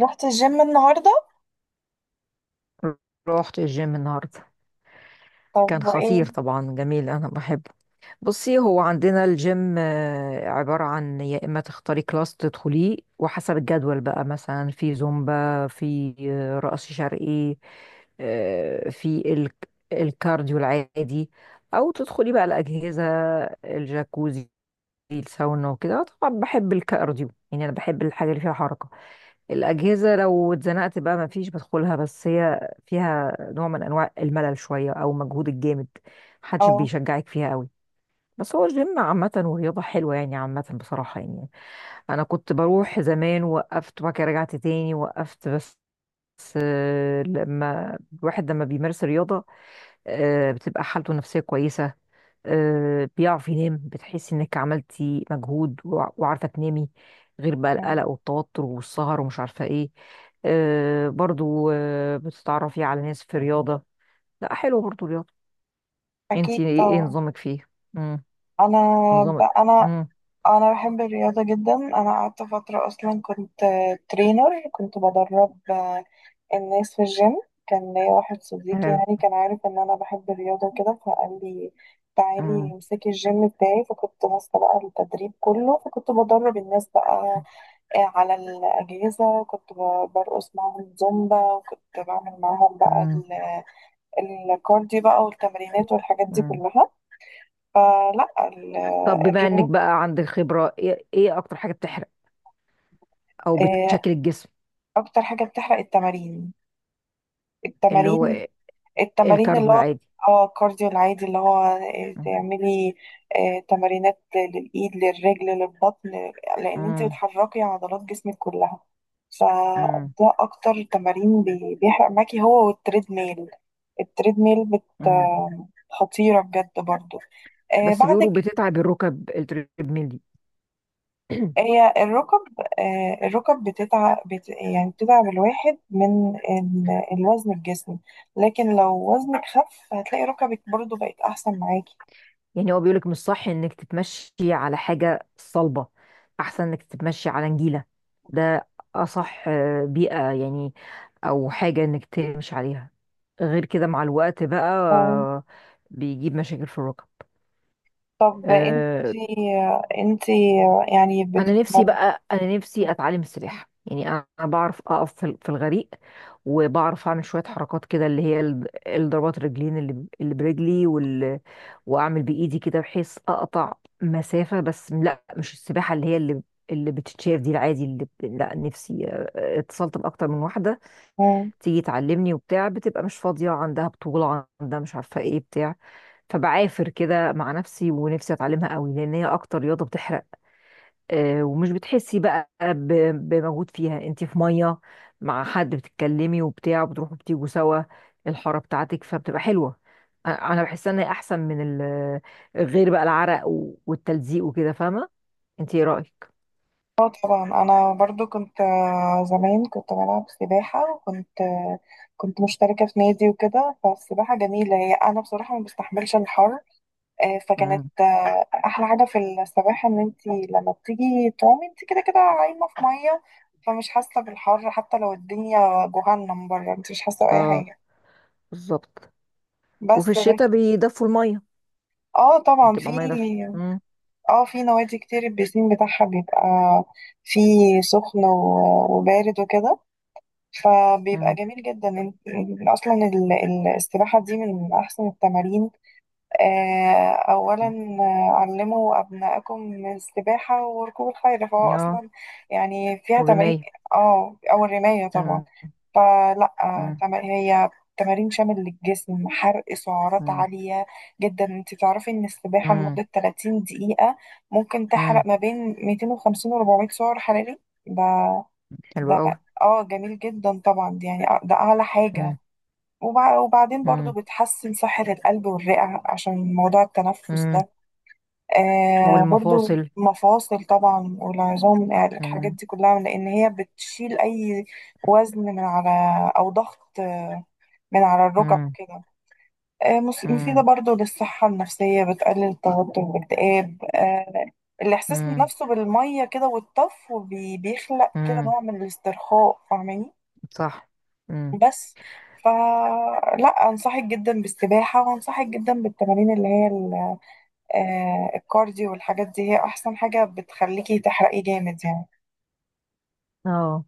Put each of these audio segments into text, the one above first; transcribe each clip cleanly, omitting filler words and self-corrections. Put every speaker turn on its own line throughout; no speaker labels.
رحت الجيم النهاردة؟
رحت الجيم النهاردة. كان
طب
خطير
وايه؟
طبعا، جميل، أنا بحبه. بصي، هو عندنا الجيم عبارة عن يا إما تختاري كلاس تدخليه وحسب الجدول بقى، مثلا في زومبا، في رقص شرقي. في ال- الكارديو العادي، أو تدخلي بقى الأجهزة، الجاكوزي، الساونا وكده. طبعا بحب الكارديو، يعني أنا بحب الحاجة اللي فيها حركة. الأجهزة لو اتزنقت بقى مفيش بدخلها، بس هي فيها نوع من أنواع الملل شوية، أو مجهود الجامد، محدش
اه.
بيشجعك فيها قوي. بس هو الجيم عامة ورياضة حلوة يعني، عامة بصراحة يعني. أنا كنت بروح زمان، وقفت، وبعد كده رجعت تاني، وقفت بس. بس، لما بيمارس رياضة، بتبقى حالته النفسية كويسة. بيعرف ينام، بتحس انك عملتي مجهود وعارفة تنامي. غير بقى
يعني
القلق والتوتر والسهر ومش عارفة ايه. برضو بتتعرفي على ناس في رياضة. لا، حلو برضو رياضة.
اكيد
انتي إيه
طبعا.
نظامك فيه؟ مم.
انا ب...
نظامك؟
انا
مم.
انا بحب الرياضة جدا. انا قعدت فترة اصلا كنت ترينر، كنت بدرب الناس في الجيم. كان ليا واحد صديقي،
حلو.
يعني كان عارف ان انا بحب الرياضة وكده، فقال لي تعالي
مم.
امسكي الجيم بتاعي، فكنت ماسكة بقى التدريب كله، فكنت بدرب الناس بقى على الأجهزة، كنت برقص معاهم زومبا، وكنت بعمل معاهم بقى
مم.
الكارديو بقى والتمرينات والحاجات دي
مم.
كلها.
طب بما انك
الرياضة
بقى عندك خبرة، إيه اكتر حاجة بتحرق او
آه،
بتشكل الجسم؟
أكتر حاجة بتحرق التمارين.
اللي
التمارين
هو
التمارين اللي
الكارديو
هو
العادي.
اه الكارديو العادي، اللي هو
مم.
تعملي تمارينات للإيد، للرجل، للبطن، لأن انت بتحركي عضلات جسمك كلها.
مم.
فده أكتر تمارين بيحرق معاكي، هو والتريد ميل. التريد ميل بت
مم.
آه، خطيرة بجد برضو. آه،
بس
بعد
بيقولوا بتتعب الركب التريدميل دي.
هي الركب، الركب بتتعب، يعني بتتعب الواحد من الوزن في جسمه، لكن لو وزنك خف هتلاقي ركبك برضو بقت أحسن معاكي.
يعني هو بيقولك مش صح انك تتمشي على حاجة صلبة، احسن انك تتمشي على نجيلة، ده اصح بيئة يعني، او حاجة انك تمشي عليها، غير كده مع الوقت بقى
اه.
بيجيب مشاكل في الركب.
طب
آه،
انتي انتي يعني بتتمرن؟
انا نفسي اتعلم السباحه يعني، انا بعرف اقف في الغريق، وبعرف اعمل شويه حركات كده، اللي هي الضربات الرجلين اللي برجلي واعمل بايدي كده بحيث اقطع مسافه، بس لا، مش السباحه اللي هي اللي بتتشاف دي، العادي لا، نفسي اتصلت باكتر من واحده
مم.
تيجي تعلمني وبتاع، بتبقى مش فاضيه، عندها بطوله، عندها مش عارفه ايه بتاع. فبعافر كده مع نفسي، ونفسي اتعلمها قوي، لان هي اكتر رياضه بتحرق ومش بتحسي بقى بمجهود فيها، انت في ميه، مع حد بتتكلمي وبتاع، وبتروحوا بتيجوا سوا الحاره بتاعتك فبتبقى حلوه. انا بحس ان هي احسن من غير بقى العرق والتلزيق وكده، فاهمه؟ انت ايه رايك؟
اه طبعا. انا برضو كنت زمان كنت بلعب سباحة، وكنت كنت مشتركة في نادي وكده. فالسباحة جميلة، هي انا بصراحة ما بستحملش الحر، فكانت
امم.
احلى حاجه في السباحه ان انت لما بتيجي تعومي انت كده كده عايمه في ميه، فمش حاسه بالحر. حتى لو الدنيا جهنم بره، انت مش حاسه باي
اه.
حاجه.
بالظبط. وفي
بس ل-
الشتاء بيدفوا الميه،
اه طبعا. في
بتبقى ميه دافيه. امم.
اه في نوادي كتير البيسين بتاعها بيبقى فيه سخن وبارد وكده، فبيبقى
امم.
جميل جدا. السباحه دي من احسن التمارين أولا. علموا أبنائكم السباحة وركوب الخيل، فهو
أمم. اه.
أصلا يعني فيها تمارين.
والرمايه.
اه أو الرماية طبعا.
امم. امم.
هي تمارين شامل للجسم، حرق سعرات
امم.
عالية جدا. انت تعرفي ان السباحة
امم.
لمدة 30 دقيقة ممكن تحرق
أمم.
ما بين 250 و 400 سعر حراري؟ ده
حلو
ده.
قوي.
اه جميل جدا طبعا، دي يعني ده أعلى حاجة.
امم.
وبعدين برضو
امم.
بتحسن صحة القلب والرئة عشان موضوع التنفس
أمم.
ده. آه برضو
والمفاصل.
مفاصل طبعا والعظام، يعني الحاجات دي كلها، لأن هي بتشيل أي وزن من على، أو ضغط من على الركب
امم.
وكده. مفيدة
امم.
برضو للصحة النفسية، بتقلل التوتر والاكتئاب. آه الإحساس
امم.
نفسه بالمية كده والطف، وبيخلق كده
امم.
نوع من الاسترخاء، فاهماني؟
صح. امم.
بس. فلا انصحك جدا بالسباحة، وانصحك جدا بالتمارين اللي هي الكارديو والحاجات دي، هي احسن حاجة بتخليكي تحرقي جامد يعني.
اه.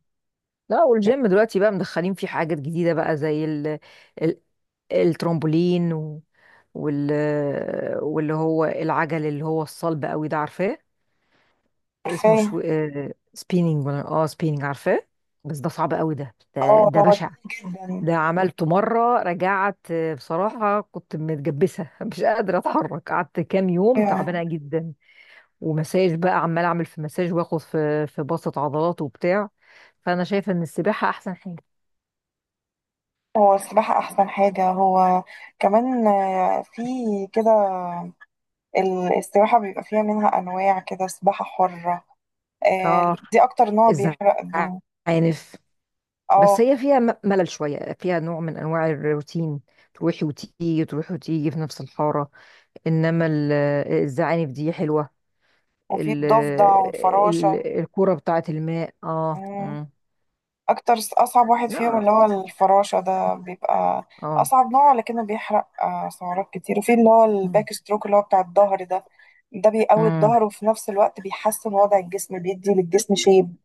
لا، والجيم دلوقتي بقى مدخلين فيه حاجات جديدة بقى، زي ال الترامبولين و... وال واللي هو العجل اللي هو الصلب قوي ده، عارفاه. اسمه
عارفاه.
سبيننج ولا، اه، سبيننج، عارفاه. بس ده صعب قوي،
اه
ده
هو
بشع.
تقيل جدا.
ده عملته مرة، رجعت بصراحة كنت متجبسة مش قادرة اتحرك، قعدت كام يوم
أيوة.
تعبانة جدا. ومساج بقى، عمال اعمل في مساج، واخد في بسط عضلات وبتاع، فانا شايفه ان السباحه احسن حاجه.
هو السباحة احسن حاجة. هو كمان آه، في كده السباحة بيبقى فيها منها انواع كده. سباحة حرة آه،
اه،
دي اكتر نوع بيحرق الدهون.
الزعانف. بس
اه.
هي فيها ملل شويه، فيها نوع من انواع الروتين، تروحي وتيجي، تروحي وتيجي في نفس الحاره، انما الزعانف دي حلوه.
وفي
ال-
الضفدع والفراشة.
الكوره بتاعه الماء. اه.
مم.
مم.
اصعب واحد فيهم
لا.
اللي هو الفراشة، ده بيبقى
اه.
اصعب نوع، لكنه بيحرق سعرات كتير. وفي اللي هو
مم.
الباك ستروك، اللي هو بتاع الظهر ده، ده بيقوي
مم.
الظهر، وفي نفس الوقت بيحسن وضع الجسم، بيدي للجسم شيب.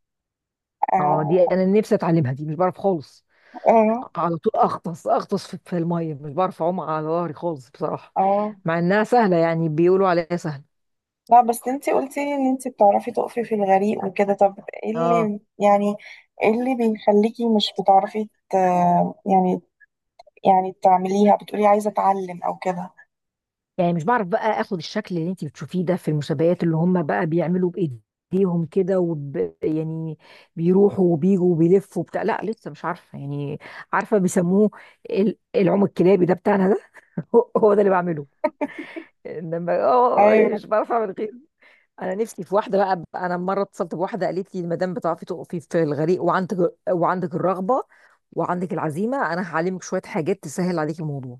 اه، دي
اه.
انا نفسي اتعلمها، دي مش بعرف خالص،
اه.
على طول اغطس اغطس في الميه، مش بعرف اعوم على ظهري خالص بصراحه،
اه.
مع انها سهله، يعني بيقولوا عليها سهله.
لا بس انتي قلتي لي ان انتي بتعرفي تقفي في الغريق وكده، طب ايه
اه،
اللي يعني، ايه اللي بيخليكي مش بتعرفي ت... يعني، يعني تعمليها؟ بتقولي عايزة اتعلم او كده؟
يعني مش بعرف بقى اخد الشكل اللي انت بتشوفيه ده في المسابقات، اللي هم بقى بيعملوا بايديهم كده يعني بيروحوا وبيجوا وبيلفوا بتاع. لا، لسه مش عارفه يعني. عارفه بيسموه العوم الكلابي ده بتاعنا ده. هو هو ده اللي بعمله، انما اه،
ايوه.
يعني مش بعرف اعمل غيره. انا نفسي في واحده بقى، انا مره اتصلت بواحده قالت لي: المدام بتعرفي تقفي في الغريق، وعندك الرغبه وعندك العزيمه، انا هعلمك شويه حاجات تسهل عليك الموضوع،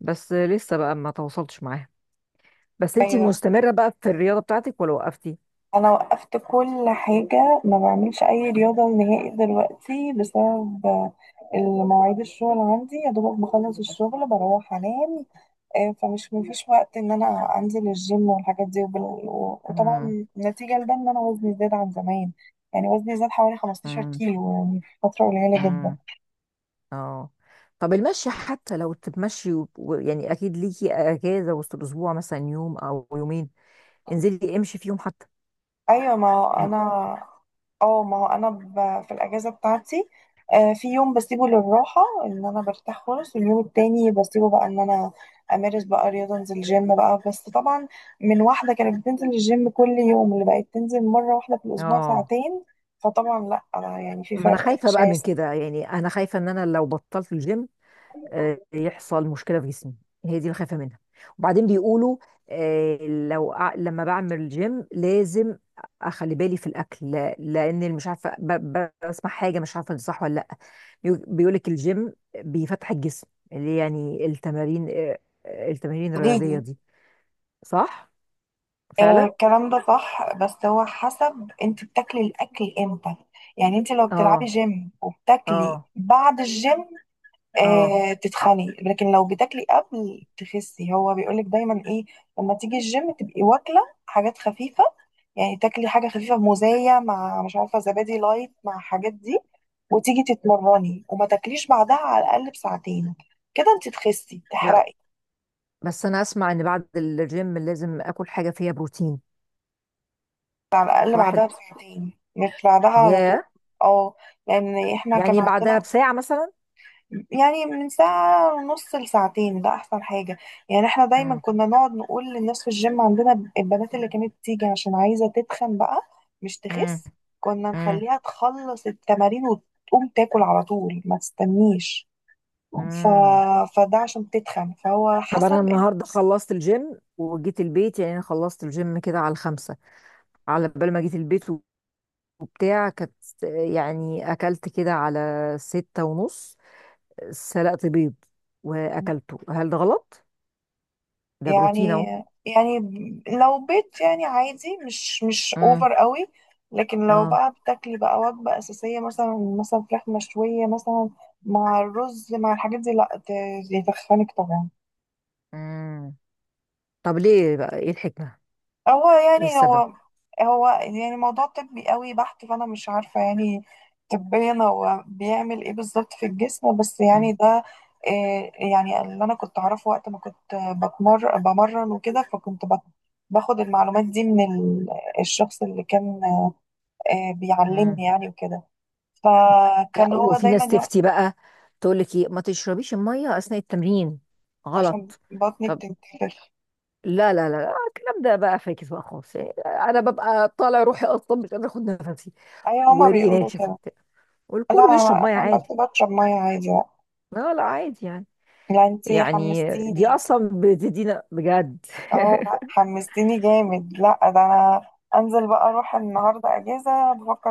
بس لسه بقى ما تواصلتش معاها. بس انتي
ايوه.
مستمره بقى في الرياضه بتاعتك ولا وقفتي؟
انا وقفت كل حاجه، ما بعملش اي رياضه نهائي دلوقتي بسبب المواعيد، الشغل عندي يا دوبك بخلص الشغل بروح انام. آه، فمش مفيش وقت ان انا انزل الجيم والحاجات دي
امم.
وطبعا نتيجه لده ان انا وزني زاد عن زمان، يعني وزني زاد حوالي 15
امم.
كيلو يعني في فتره قليله جدا.
امم. اه. طب المشي، حتى لو تتمشي يعني، اكيد ليكي اجازه وسط الاسبوع مثلا، يوم او يومين، انزلي امشي فيهم حتى.
ايوه ما هو
ام-
انا اه ما هو انا في الاجازه بتاعتي في يوم بسيبه للراحه ان انا برتاح خالص، واليوم التاني بسيبه بقى ان انا امارس بقى رياضه، انزل جيم بقى. بس طبعا من واحده كانت بتنزل الجيم كل يوم اللي بقت تنزل مره واحده في الاسبوع
اه.
ساعتين، فطبعا لا أنا يعني في
ما انا
فرق
خايفه بقى من
شاسع.
كده يعني، انا خايفه ان انا لو بطلت الجيم يحصل مشكله في جسمي، هي دي اللي خايفه منها. وبعدين بيقولوا آه، لما بعمل جيم لازم اخلي بالي في الاكل، لان مش عارفه بسمع حاجه، مش عارفه دي صح ولا لا. بيقولك الجيم بيفتح الجسم، اللي يعني التمارين آه، آه، التمارين الرياضيه
قوليلي.
دي. صح، فعلا.
الكلام ده صح، بس هو حسب انت بتاكلي الاكل امتى. يعني انت لو بتلعبي
اه.
جيم وبتاكلي
اه.
بعد الجيم
اه.
آه تتخني، لكن لو بتاكلي قبل تخسي. هو بيقولك دايما ايه، لما تيجي الجيم تبقي واكله حاجات خفيفه، يعني تاكلي حاجه خفيفه، موزيه مع مش عارفه زبادي لايت مع حاجات دي، وتيجي تتمرني، وما تاكليش بعدها على الاقل بساعتين. كده انت تخسي
لا،
تحرقي.
بس انا اسمع ان بعد الجيم لازم اكل حاجه فيها بروتين.
على الاقل
صح.
بعدها بساعتين، مش بعدها على طول.
ياه.
اه. لان احنا كان
يعني بعدها
عندنا
بساعه مثلا؟
يعني من ساعة ونص لساعتين، ده أحسن حاجة. يعني احنا دايما كنا نقعد نقول للناس في الجيم عندنا، البنات اللي كانت تيجي عشان عايزة تتخن بقى، مش
مم.
تخس، كنا
مم.
نخليها تخلص التمارين وتقوم تاكل على طول، ما تستنيش. ف...
مم.
فده عشان تتخن، فهو
طب انا
حسب
النهارده خلصت الجيم وجيت البيت، يعني انا خلصت الجيم كده على 5، على بال ما جيت البيت وبتاع، كانت يعني اكلت كده على 6:30، سلقت بيض واكلته، هل ده غلط؟ ده بروتين
يعني.
اهو.
يعني لو بيت يعني عادي، مش
مم.
اوفر قوي. لكن لو
اه.
بقى بتاكلي بقى وجبة أساسية مثلا، مثلا فراخ مشوية مثلا مع الرز مع الحاجات دي، لا ت- يتخنك طبعا.
مم. طب ليه بقى؟ ايه الحكمة؟
هو
ايه
يعني
السبب؟
هو هو يعني موضوع طبي قوي بحت، فانا مش عارفه يعني طبيا هو بيعمل ايه بالظبط في الجسم. بس
مم.
يعني ده إيه يعني، اللي انا كنت اعرفه وقت ما كنت بمرن وكده، فكنت باخد المعلومات دي من الشخص اللي كان
مم.
بيعلمني يعني وكده،
لا،
فكان هو
وفي
دايما
ناس
يقول
تفتي بقى، تقول لك ايه: ما تشربيش المية اثناء التمرين.
عشان
غلط.
بطني
طب.
بتنتفخ.
لا، لا، لا، لا، الكلام ده بقى فاكس بقى خالص يعني، انا ببقى طالع روحي اصلا، مش قادره اخد نفسي،
ايوه هما
وريقي
بيقولوا
ناشف
كده.
وبتاع،
لا
والكل بيشرب
انا
ميه
أنا عملت
عادي.
بشرب ميه عادي بقى.
لا، لا، عادي يعني.
لا انتي
يعني دي
حمستيني.
اصلا بتدينا بجد.
اه لا حمستني جامد. لا ده انا انزل بقى اروح النهارده اجازه، بفكر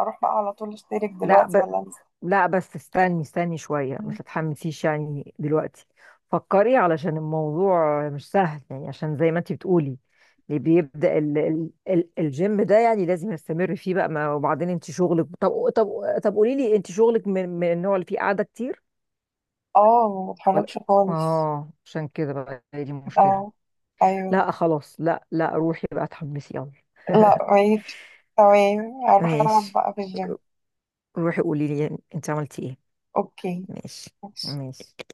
اروح بقى على طول اشترك دلوقتي،
لا.
ولا انزل.
لا، بس استني استني شوية، ما
مم.
تتحمسيش يعني دلوقتي. فكري، علشان الموضوع مش سهل يعني، عشان زي ما انتي بتقولي اللي بيبدأ ال ال ال الجيم ده يعني، لازم يستمر فيه بقى، ما وبعدين انت شغلك. طب، طب، طب قولي لي، انت شغلك من النوع اللي فيه قعدة كتير
اه ما بتحركش
ولا؟
خالص.
اه، عشان كده بقى، هي دي المشكلة.
اه. ايوه.
لا، خلاص، لا، لا، روحي بقى اتحمسي، يلا.
لا ماشي. تمام. هروح العب
ماشي،
بقى في الجيم.
روحي قولي لي انت عملتي ايه.
اوكي.
ماشي.
ماشي.
ماشي.